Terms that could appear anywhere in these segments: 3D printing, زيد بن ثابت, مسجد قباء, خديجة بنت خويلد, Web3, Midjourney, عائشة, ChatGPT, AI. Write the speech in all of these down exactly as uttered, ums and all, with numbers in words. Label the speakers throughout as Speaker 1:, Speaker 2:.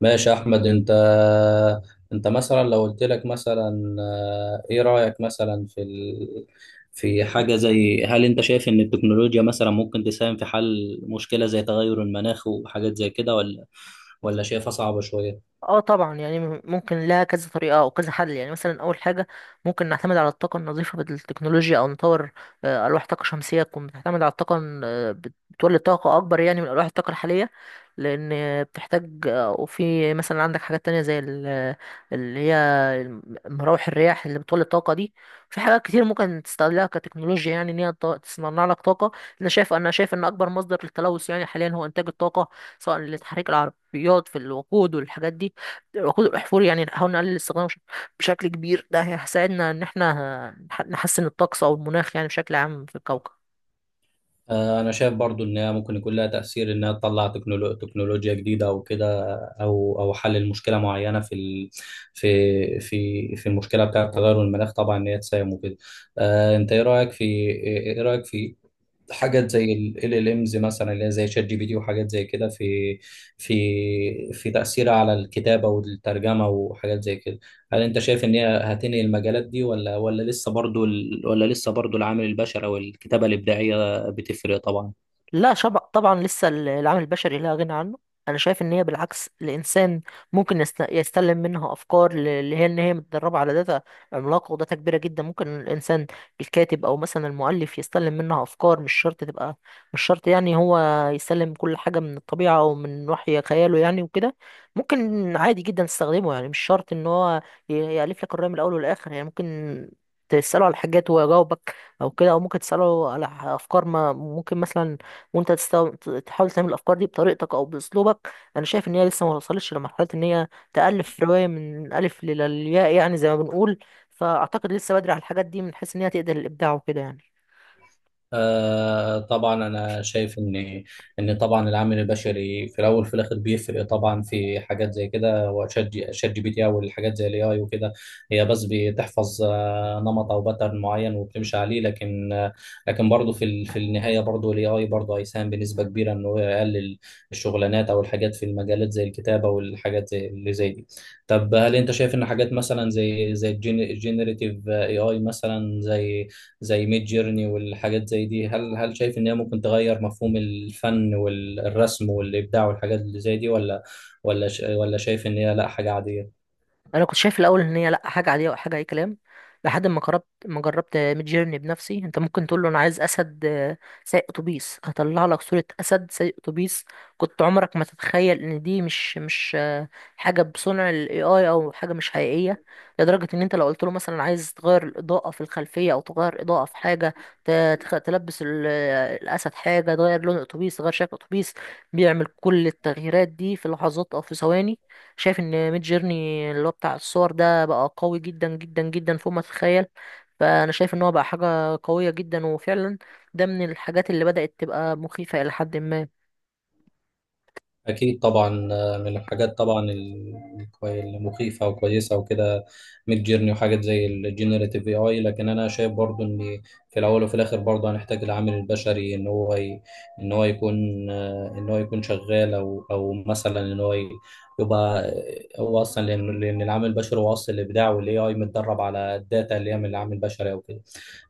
Speaker 1: ماشي يا احمد انت. انت مثلا لو قلت لك مثلا، آه، ايه رايك مثلا في ال... في حاجه زي، هل انت شايف ان التكنولوجيا مثلا ممكن تساهم في حل مشكله زي تغير المناخ وحاجات زي كده، ولا ولا شايفها صعبه شويه؟
Speaker 2: اه طبعا يعني م- ممكن لها كذا طريقة او كذا حل. يعني مثلا اول حاجة ممكن نعتمد على الطاقة النظيفة بالتكنولوجيا او نطور آه، الواح طاقة شمسية تكون بتعتمد على الطاقة ال- آه، بت- بتولد طاقة اكبر يعني من الواح الطاقة الحالية، لان آه، بتحتاج آه، وفي مثلا عندك حاجات تانية زي ال- آه، اللي هي الم- مراوح الرياح اللي بتولد طاقة دي. في حاجات كتير ممكن تستغلها كتكنولوجيا، يعني ان هي ت- تصنع لك طاقة. انا شايف انا شايف ان اكبر مصدر للتلوث يعني حاليا هو انتاج الطاقة، سواء لتحريك العربيات في الوقود والحاجات دي، خضار وحفور. يعني نحاول نقلل استخدامه بش- بشكل كبير، ده هيساعدنا ان احنا نح- نحسن الطقس او المناخ يعني بشكل عام في الكوكب.
Speaker 1: آه، انا شايف برضو انها ممكن يكون لها تاثير، انها تطلع تكنولو... تكنولوجيا جديده او كده، او او حل المشكله معينه في ال... في في في المشكله بتاعه تغير المناخ، طبعا، ان هي تساهم وكده. آه، انت ايه رايك في ايه إيه رايك في حاجات زي ال ال امز مثلا، اللي هي زي شات جي بي تي وحاجات زي كده، في في في تأثيرها على الكتابة والترجمة وحاجات زي كده؟ هل انت شايف ان هي هتنهي المجالات دي؟ ولا ولا لسه برضو ال ولا لسه برضو العامل البشري او الكتابة الإبداعية بتفرق، طبعا؟
Speaker 2: لا شبع، طبعا لسه ال- العامل البشري لا غنى عنه. انا شايف ان هي بالعكس، الانسان ممكن يست- يستلم منها افكار، ل- اللي هي ان هي متدربه على داتا عملاقه وداتا كبيره جدا. ممكن الانسان الكاتب او مثلا المؤلف يستلم منها افكار، مش شرط تبقى، مش شرط يعني هو يستلم كل حاجه من الطبيعه او من وحي خياله يعني وكده. ممكن عادي جدا تستخدمه، يعني مش شرط ان هو ي- يالف لك الروايه من الاول والاخر. يعني ممكن تساله على حاجات ويجاوبك او كده، او ممكن تساله على ح- افكار ما، ممكن مثلا وانت تستو... تحاول تعمل الافكار دي بطريقتك او باسلوبك. انا شايف ان هي لسه ما وصلتش لمرحله ان هي تالف روايه من الف للياء، يعني زي ما بنقول. فاعتقد لسه بدري على الحاجات دي من حيث ان هي تقدر الابداع وكده يعني.
Speaker 1: آه طبعا. انا شايف ان ان طبعا العامل البشري في الاول في الاخر بيفرق، طبعا، في حاجات زي كده. وشات جي شات جي بي تي او الحاجات زي الاي اي وكده. هي بس بتحفظ آه نمط او باترن معين، وبتمشي عليه، لكن آه لكن برضه في ال- في النهايه برضه الاي اي برضه هيساهم بنسبه كبيره انه يقلل الشغلانات او الحاجات في المجالات زي الكتابه والحاجات زي اللي زي دي. طب هل انت شايف ان حاجات مثلا زي زي الجينيريتيف اي اي مثلا زي زي ميد جيرني والحاجات زي دي؟ هل هل شايف ان هي ممكن تغير مفهوم الفن والرسم والابداع والحاجات اللي زي دي؟ ولا ولا ش- ولا شايف ان هي لا، حاجة عادية؟
Speaker 2: انا كنت شايف الاول ان هي لا حاجه عاديه وحاجه اي كلام، لحد ما جربت ما جربت ميد جيرني بنفسي. انت ممكن تقول له انا عايز اسد آه، سايق اتوبيس، هطلع لك صوره اسد سايق اتوبيس. كنت عمرك ما تتخيل ان دي مش مش آه، حاجه بصنع الاي اي او حاجه مش حقيقيه. لدرجه ان انت لو قلت له مثلا عايز تغير الاضاءه في الخلفيه او تغير اضاءه في حاجه، ت- تخ- تلبس ال- آه، الاسد حاجه، تغير لون اتوبيس، تغير شكل اتوبيس، بيعمل كل التغييرات دي في لحظات او في ثواني. شايف ان ميد جيرني اللي هو بتاع الصور ده بقى قوي جدا جدا جدا فوق ما تتخيل. فانا شايف ان هو بقى حاجه قويه جدا، وفعلا ده من الحاجات اللي بدات تبقى مخيفه الى حد ما.
Speaker 1: أكيد طبعا. آه، من الحاجات طبعا ال- الكوي- المخيفة وكويسة وكده، ميد جيرني وحاجات زي الجينيراتيف اي اي. لكن أنا شايف برضو إن في الأول وفي الآخر برضو هنحتاج العامل البشري، إن هو ي... إن هو يكون آه، إن هو يكون شغال، أو أو مثلا إن هو ي- يبقى آه، هو أصلا، لأن لأن العامل البشري هو أصل الإبداع، والاي اي متدرب على الداتا اللي هي من العامل البشري أو كده.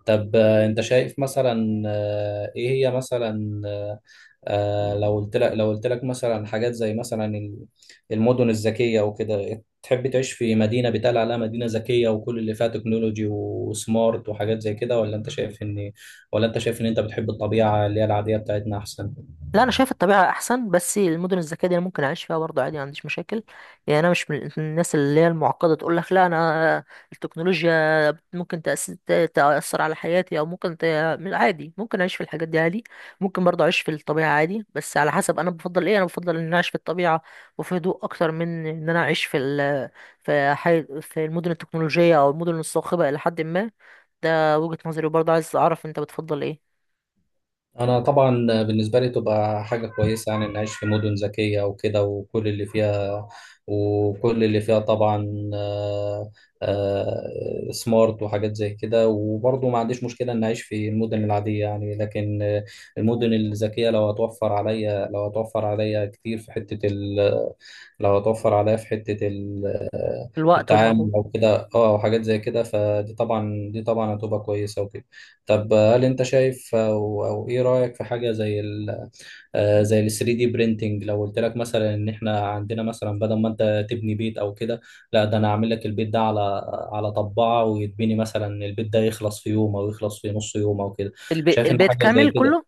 Speaker 1: طب آه، انت شايف مثلا، آه، ايه هي مثلا، آه، آه، لو قلت لك لو قلت لك مثلا حاجات زي مثلا ال- المدن الذكية وكده، تحب تعيش في مدينة بيتقال عليها مدينة ذكية وكل اللي فيها تكنولوجي وسمارت وحاجات زي كده؟ ولا انت شايف ان ولا انت شايف ان انت بتحب الطبيعة اللي هي العادية بتاعتنا احسن؟
Speaker 2: لا انا شايف الطبيعه احسن، بس المدن الذكيه دي انا ممكن اعيش فيها برضه عادي، ما عنديش مشاكل. يعني انا مش من الناس اللي هي المعقده، تقول لك لا انا التكنولوجيا ممكن تأس- ت- تأثر على حياتي أو ممكن ت... من- عادي ممكن أعيش في الحاجات دي عادي. ممكن برضه أعيش في الطبيعة عادي، بس على حسب أنا بفضل إيه. أنا بفضل إن أنا أعيش في الطبيعة وفي هدوء أكتر من إن أنا أعيش في ال... في حي... في المدن التكنولوجية أو المدن الصاخبة إلى حد ما. ده وجهة نظري، وبرضه عايز أعرف أنت بتفضل إيه.
Speaker 1: انا طبعا بالنسبه لي تبقى حاجه كويسه يعني، ان اعيش في مدن ذكيه وكده وكل اللي فيها وكل اللي فيها طبعا، آه، آه، سمارت وحاجات زي كده. وبرضه ما عنديش مشكله ان اعيش في المدن العاديه يعني، لكن آه، المدن الذكيه لو هتوفر عليا لو هتوفر عليا كتير في حته، لو هتوفر عليا في حتة ال-
Speaker 2: الوقت والمجهود.
Speaker 1: التعامل أو كده، اه، أو حاجات زي كده، فدي طبعا، دي طبعا هتبقى كويسة وكده. طب هل أنت شايف، أو, أو إيه رأيك في حاجة زي ال آه، زي ال ثري دي printing؟ لو قلت لك مثلا إن إحنا عندنا، مثلا بدل ما أنت تبني بيت أو كده، لا، ده أنا هعمل لك البيت ده على على طباعة، ويتبني مثلا البيت ده يخلص في يوم، أو يخلص في نص يوم أو كده.
Speaker 2: الب...
Speaker 1: شايف إن
Speaker 2: البيت
Speaker 1: حاجة زي
Speaker 2: كامل
Speaker 1: كده،
Speaker 2: كله؟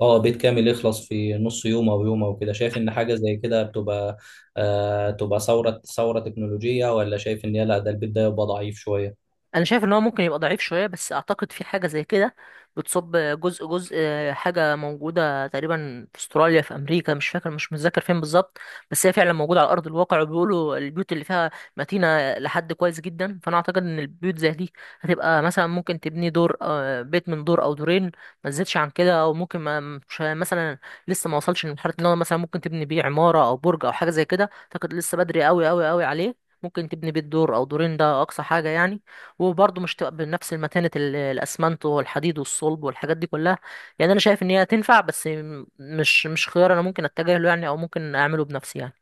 Speaker 1: اه بيت كامل يخلص في نص يوم او يوم او كده، شايف ان حاجه زي كده بتبقى، آه تبقى ثوره ثوره تكنولوجيه؟ ولا شايف ان هي لا، ده البيت ده يبقى ضعيف شويه؟
Speaker 2: انا شايف ان هو ممكن يبقى ضعيف شويه، بس اعتقد في حاجه زي كده بتصب جزء جزء. حاجه موجوده تقريبا في استراليا في امريكا، مش فاكر مش متذكر فين بالظبط، بس هي فعلا موجوده على ارض الواقع، وبيقولوا البيوت اللي فيها متينه لحد كويس جدا. فانا اعتقد ان البيوت زي دي هتبقى مثلا ممكن تبني دور، آه، بيت من دور او دورين، ما تزيدش عن كده. او ممكن ما، مش مثلا، لسه ما وصلش لمرحله ان هو مثلا ممكن تبني بيه عماره او برج او حاجه زي كده. اعتقد لسه بدري قوي قوي قوي عليه. ممكن تبني بيت دور او دورين، ده اقصى حاجه يعني. وبرضه مش تبقى بنفس المتانة، ال- الأسمنت والحديد والصلب والحاجات دي كلها. يعني أنا شايف إن هي تنفع، بس م- مش مش خيار أنا ممكن أتجه له يعني، أو ممكن أعمله بنفسي يعني.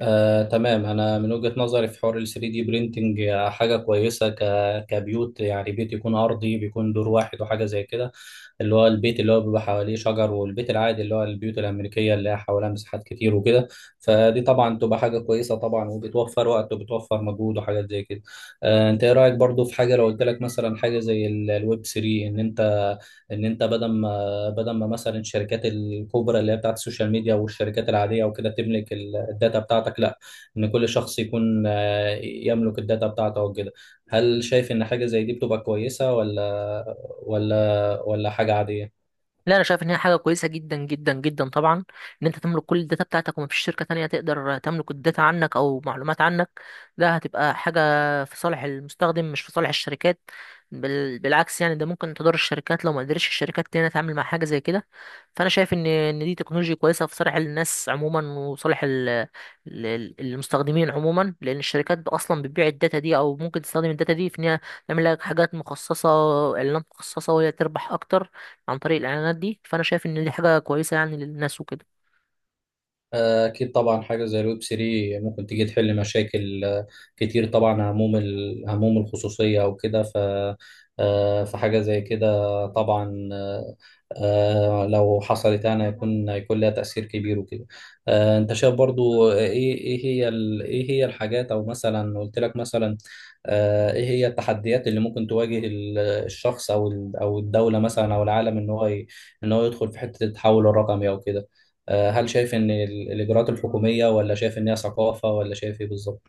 Speaker 1: آه، تمام. انا من وجهة نظري في حوار ال ثري دي برينتنج، حاجه كويسه ك... كبيوت يعني، بيت يكون ارضي، بيكون دور واحد وحاجه زي كده، اللي هو البيت اللي هو بيبقى حواليه شجر، والبيت العادي اللي هو البيوت الامريكيه اللي هي حواليها مساحات كتير وكده. فدي طبعا تبقى حاجه كويسه طبعا، وبتوفر وقت وبتوفر مجهود وحاجات زي كده. آه، انت ايه رايك برضو في حاجه، لو قلت لك مثلا حاجه زي الويب ثري، ان انت، ان انت بدل ما بدل ما مثلا الشركات الكبرى اللي هي بتاعت السوشيال ميديا والشركات العادية وكده تملك ال- الداتا بتاعتك، لا، ان كل شخص يكون آه، يملك الداتا بتاعته او كده. هل شايف ان حاجة زي دي بتبقى كويسة؟ ولا ولا ولا حاجة عادية؟
Speaker 2: لا انا شايف ان هي حاجه كويسه جدا جدا جدا طبعا، ان انت تملك كل الداتا بتاعتك، ومفيش شركه تانية تقدر تملك الداتا عنك او معلومات عنك. ده هتبقى حاجه في صالح المستخدم، مش في صالح الشركات. بال... بالعكس يعني، ده ممكن تضر الشركات لو ما قدرتش الشركات تانية تتعامل مع حاجه زي كده. فانا شايف ان ان دي تكنولوجيا كويسه في صالح الناس عموما، وصالح ال... ال- المستخدمين عموما، لان الشركات اصلا بتبيع الداتا دي، او ممكن تستخدم الداتا دي في ان هي تعمل لك حاجات مخصصه، اعلانات مخصصه، وهي تربح اكتر عن طريق الاعلانات دي. فانا شايف ان دي حاجه كويسه يعني للناس وكده.
Speaker 1: أكيد طبعا. حاجة زي الويب ثري ممكن تيجي تحل مشاكل آه، كتير طبعا، هموم ال- هموم الخصوصية أو كده. ف آه، فحاجة زي كده طبعا، آه، آه، لو حصلت يعني، هيكون هيكون لها تأثير كبير وكده. آه، أنت شايف برضو إيه، إيه هي ال- إيه هي الحاجات، أو مثلا قلت لك مثلا، آه، إيه هي التحديات اللي ممكن تواجه ال- الشخص أو ال- أو الدولة مثلا أو العالم، إن هو ي- إن هو يدخل في حتة التحول الرقمي أو كده؟ آه، هل شايف ان ال- الاجراءات الحكوميه؟ ولا شايف ان هي ثقافه؟ ولا شايف ايه بالظبط؟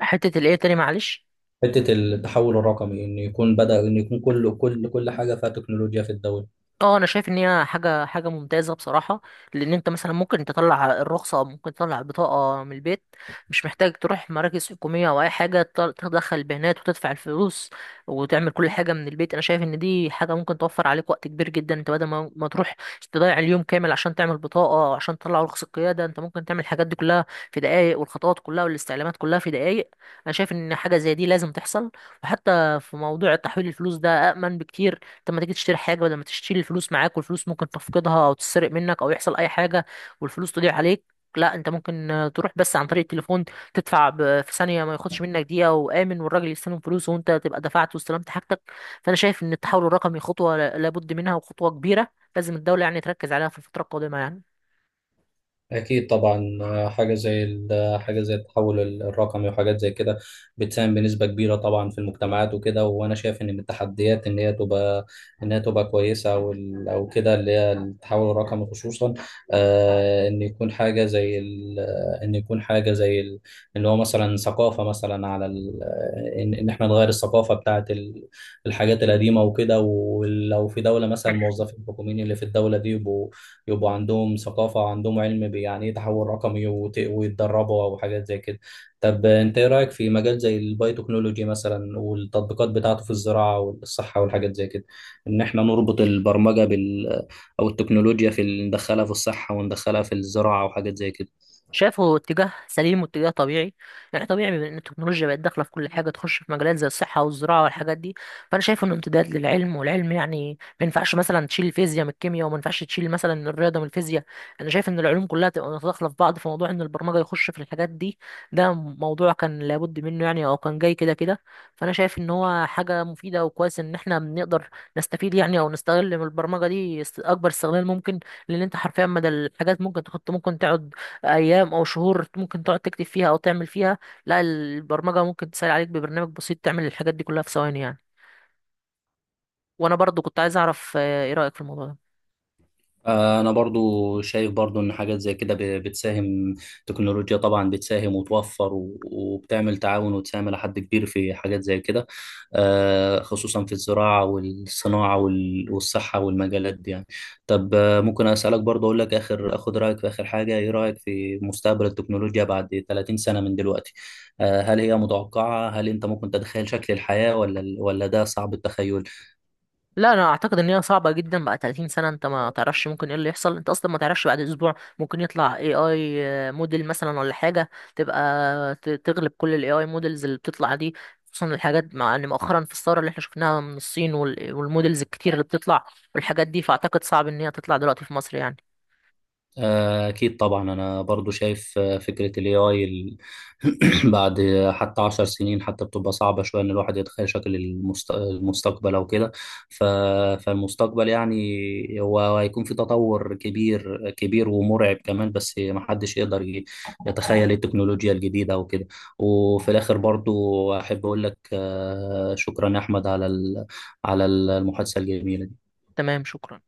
Speaker 2: حته الايه تاني معلش؟
Speaker 1: حته التحول الرقمي، ان يكون بدا ان يكون كل كل كل حاجه فيها تكنولوجيا في الدوله.
Speaker 2: اه انا شايف ان هي حاجه حاجه ممتازه بصراحه. لان انت مثلا ممكن تطلع الرخصه او ممكن تطلع البطاقه من البيت، مش محتاج تروح مراكز حكوميه او اي حاجه. تط- تدخل البيانات وتدفع الفلوس وتعمل كل حاجه من البيت. انا شايف ان دي حاجه ممكن توفر عليك وقت كبير جدا. انت بدل ما ما تروح تضيع اليوم كامل عشان تعمل بطاقه، او عشان تطلع رخصه قياده، انت ممكن تعمل الحاجات دي كلها في دقائق، والخطوات كلها والاستعلامات كلها في دقائق. انا شايف ان حاجه زي دي لازم تحصل. وحتى في موضوع تحويل الفلوس، ده أأمن بكتير. انت لما تيجي تشتري حاجه، بدل ما تشتري الفلوس معاك والفلوس ممكن تفقدها او تتسرق منك او يحصل اي حاجه والفلوس تضيع عليك، لا انت ممكن آه، تروح بس عن طريق التليفون، تدفع ب- في ثانيه، ما ياخدش منك دقيقه، وامن، والراجل يستلم فلوس وانت تبقى دفعت واستلمت حاجتك. فانا شايف ان التحول الرقمي خطوه لا- لابد منها، وخطوه كبيره لازم الدوله يعني تركز عليها في الفتره القادمه يعني.
Speaker 1: أكيد طبعا. آه، حاجة زي ال- حاجة زي التحول ال- الرقمي وحاجات زي كده بتساهم بنسبة كبيرة طبعا في المجتمعات وكده. وأنا شايف إن من التحديات إن هي تبقى إن هي تبقى كويسة، أو ال- أو كده، اللي هي التحول الرقمي خصوصا. آه إن يكون حاجة زي ال- آه، إن يكون حاجة زي ال- إن هو مثلا ثقافة مثلا على ال- آه، إن إن إحنا نغير الثقافة بتاعت ال- الحاجات القديمة وكده. ولو في دولة مثلا، الموظفين الحكوميين اللي في الدولة دي، يبقوا يبقوا عندهم ثقافة وعندهم علم بيعني ايه تحول رقمي، وت- ويتدربوا أو حاجات زي كده. طب أنت إيه رأيك في مجال زي البايوتكنولوجي مثلا، والتطبيقات بتاعته في الزراعة والصحة والحاجات زي كده، إن إحنا نربط البرمجة بال، أو التكنولوجيا في ال- ندخلها في الصحة وندخلها في الزراعة وحاجات زي كده؟
Speaker 2: شايفه اتجاه سليم واتجاه طبيعي. يعني طبيعي، بما ان التكنولوجيا بقت داخله في كل حاجه، تخش في مجالات زي الصحه والزراعه والحاجات دي. فانا شايف انه امتداد للعلم، والعلم يعني ما ينفعش مثلا تشيل الفيزياء من الكيمياء، وما ينفعش تشيل مثلا الرياضه من الفيزياء. انا شايف ان العلوم كلها تبقى متداخله في بعض. في موضوع ان البرمجه يخش في الحاجات دي، ده موضوع كان لابد منه يعني، او كان جاي كده كده. فانا شايف ان هو حاجه مفيده، وكويس ان احنا بنقدر نستفيد يعني او نستغل من البرمجه دي است- اكبر استغلال ممكن. لان انت حرفيا مدى الحاجات ممكن تحط، ممكن تقعد ايام او شهور ممكن تقعد تكتب فيها او تعمل فيها. لا، البرمجه ممكن تسهل عليك ببرنامج بسيط تعمل الحاجات دي كلها في ثواني يعني. وانا برضو كنت عايز اعرف آه، ايه رايك في الموضوع ده.
Speaker 1: انا برضو شايف برضو ان حاجات زي كده ب- بتساهم، تكنولوجيا طبعا بتساهم وتوفر و- وبتعمل تعاون، وتساهم الى حد كبير في حاجات زي كده، آه، خصوصا في الزراعة والصناعة وال- والصحة والمجالات دي يعني. طب آه، ممكن اسالك برضو، اقول لك اخر اخد رايك في اخر حاجة، ايه رايك في مستقبل التكنولوجيا بعد تلاتين سنة من دلوقتي؟ آه، هل هي متوقعة؟ هل انت ممكن تتخيل شكل الحياة؟ ولا ولا ده صعب التخيل؟
Speaker 2: لا انا اعتقد ان هي صعبه جدا. بقى تلاتين سنه، انت ما تعرفش ممكن ايه اللي يحصل. انت اصلا ما تعرفش بعد اسبوع ممكن يطلع اي اي موديل مثلا ولا حاجه تبقى ت- تغلب كل الاي اي موديلز اللي بتطلع دي، خصوصا الحاجات، مع ان مؤخرا في الثوره اللي احنا شفناها من الصين وال- والموديلز الكتير اللي بتطلع والحاجات دي. فاعتقد صعب ان هي تطلع دلوقتي في مصر يعني.
Speaker 1: آه، أكيد طبعا. أنا برضو شايف آه، فكرة ال اي اي ال- بعد حتى عشر سنين، حتى بتبقى صعبة شوية إن الواحد يتخيل شكل المست... المستقبل أو كده. ف... فالمستقبل يعني هو هيكون في تطور كبير كبير ومرعب كمان، بس محدش يقدر ي- يتخيل التكنولوجيا الجديدة أو كده. وفي الآخر برضو أحب أقول لك آه، شكرا يا أحمد على ال... على المحادثة الجميلة دي.
Speaker 2: تمام شكرا.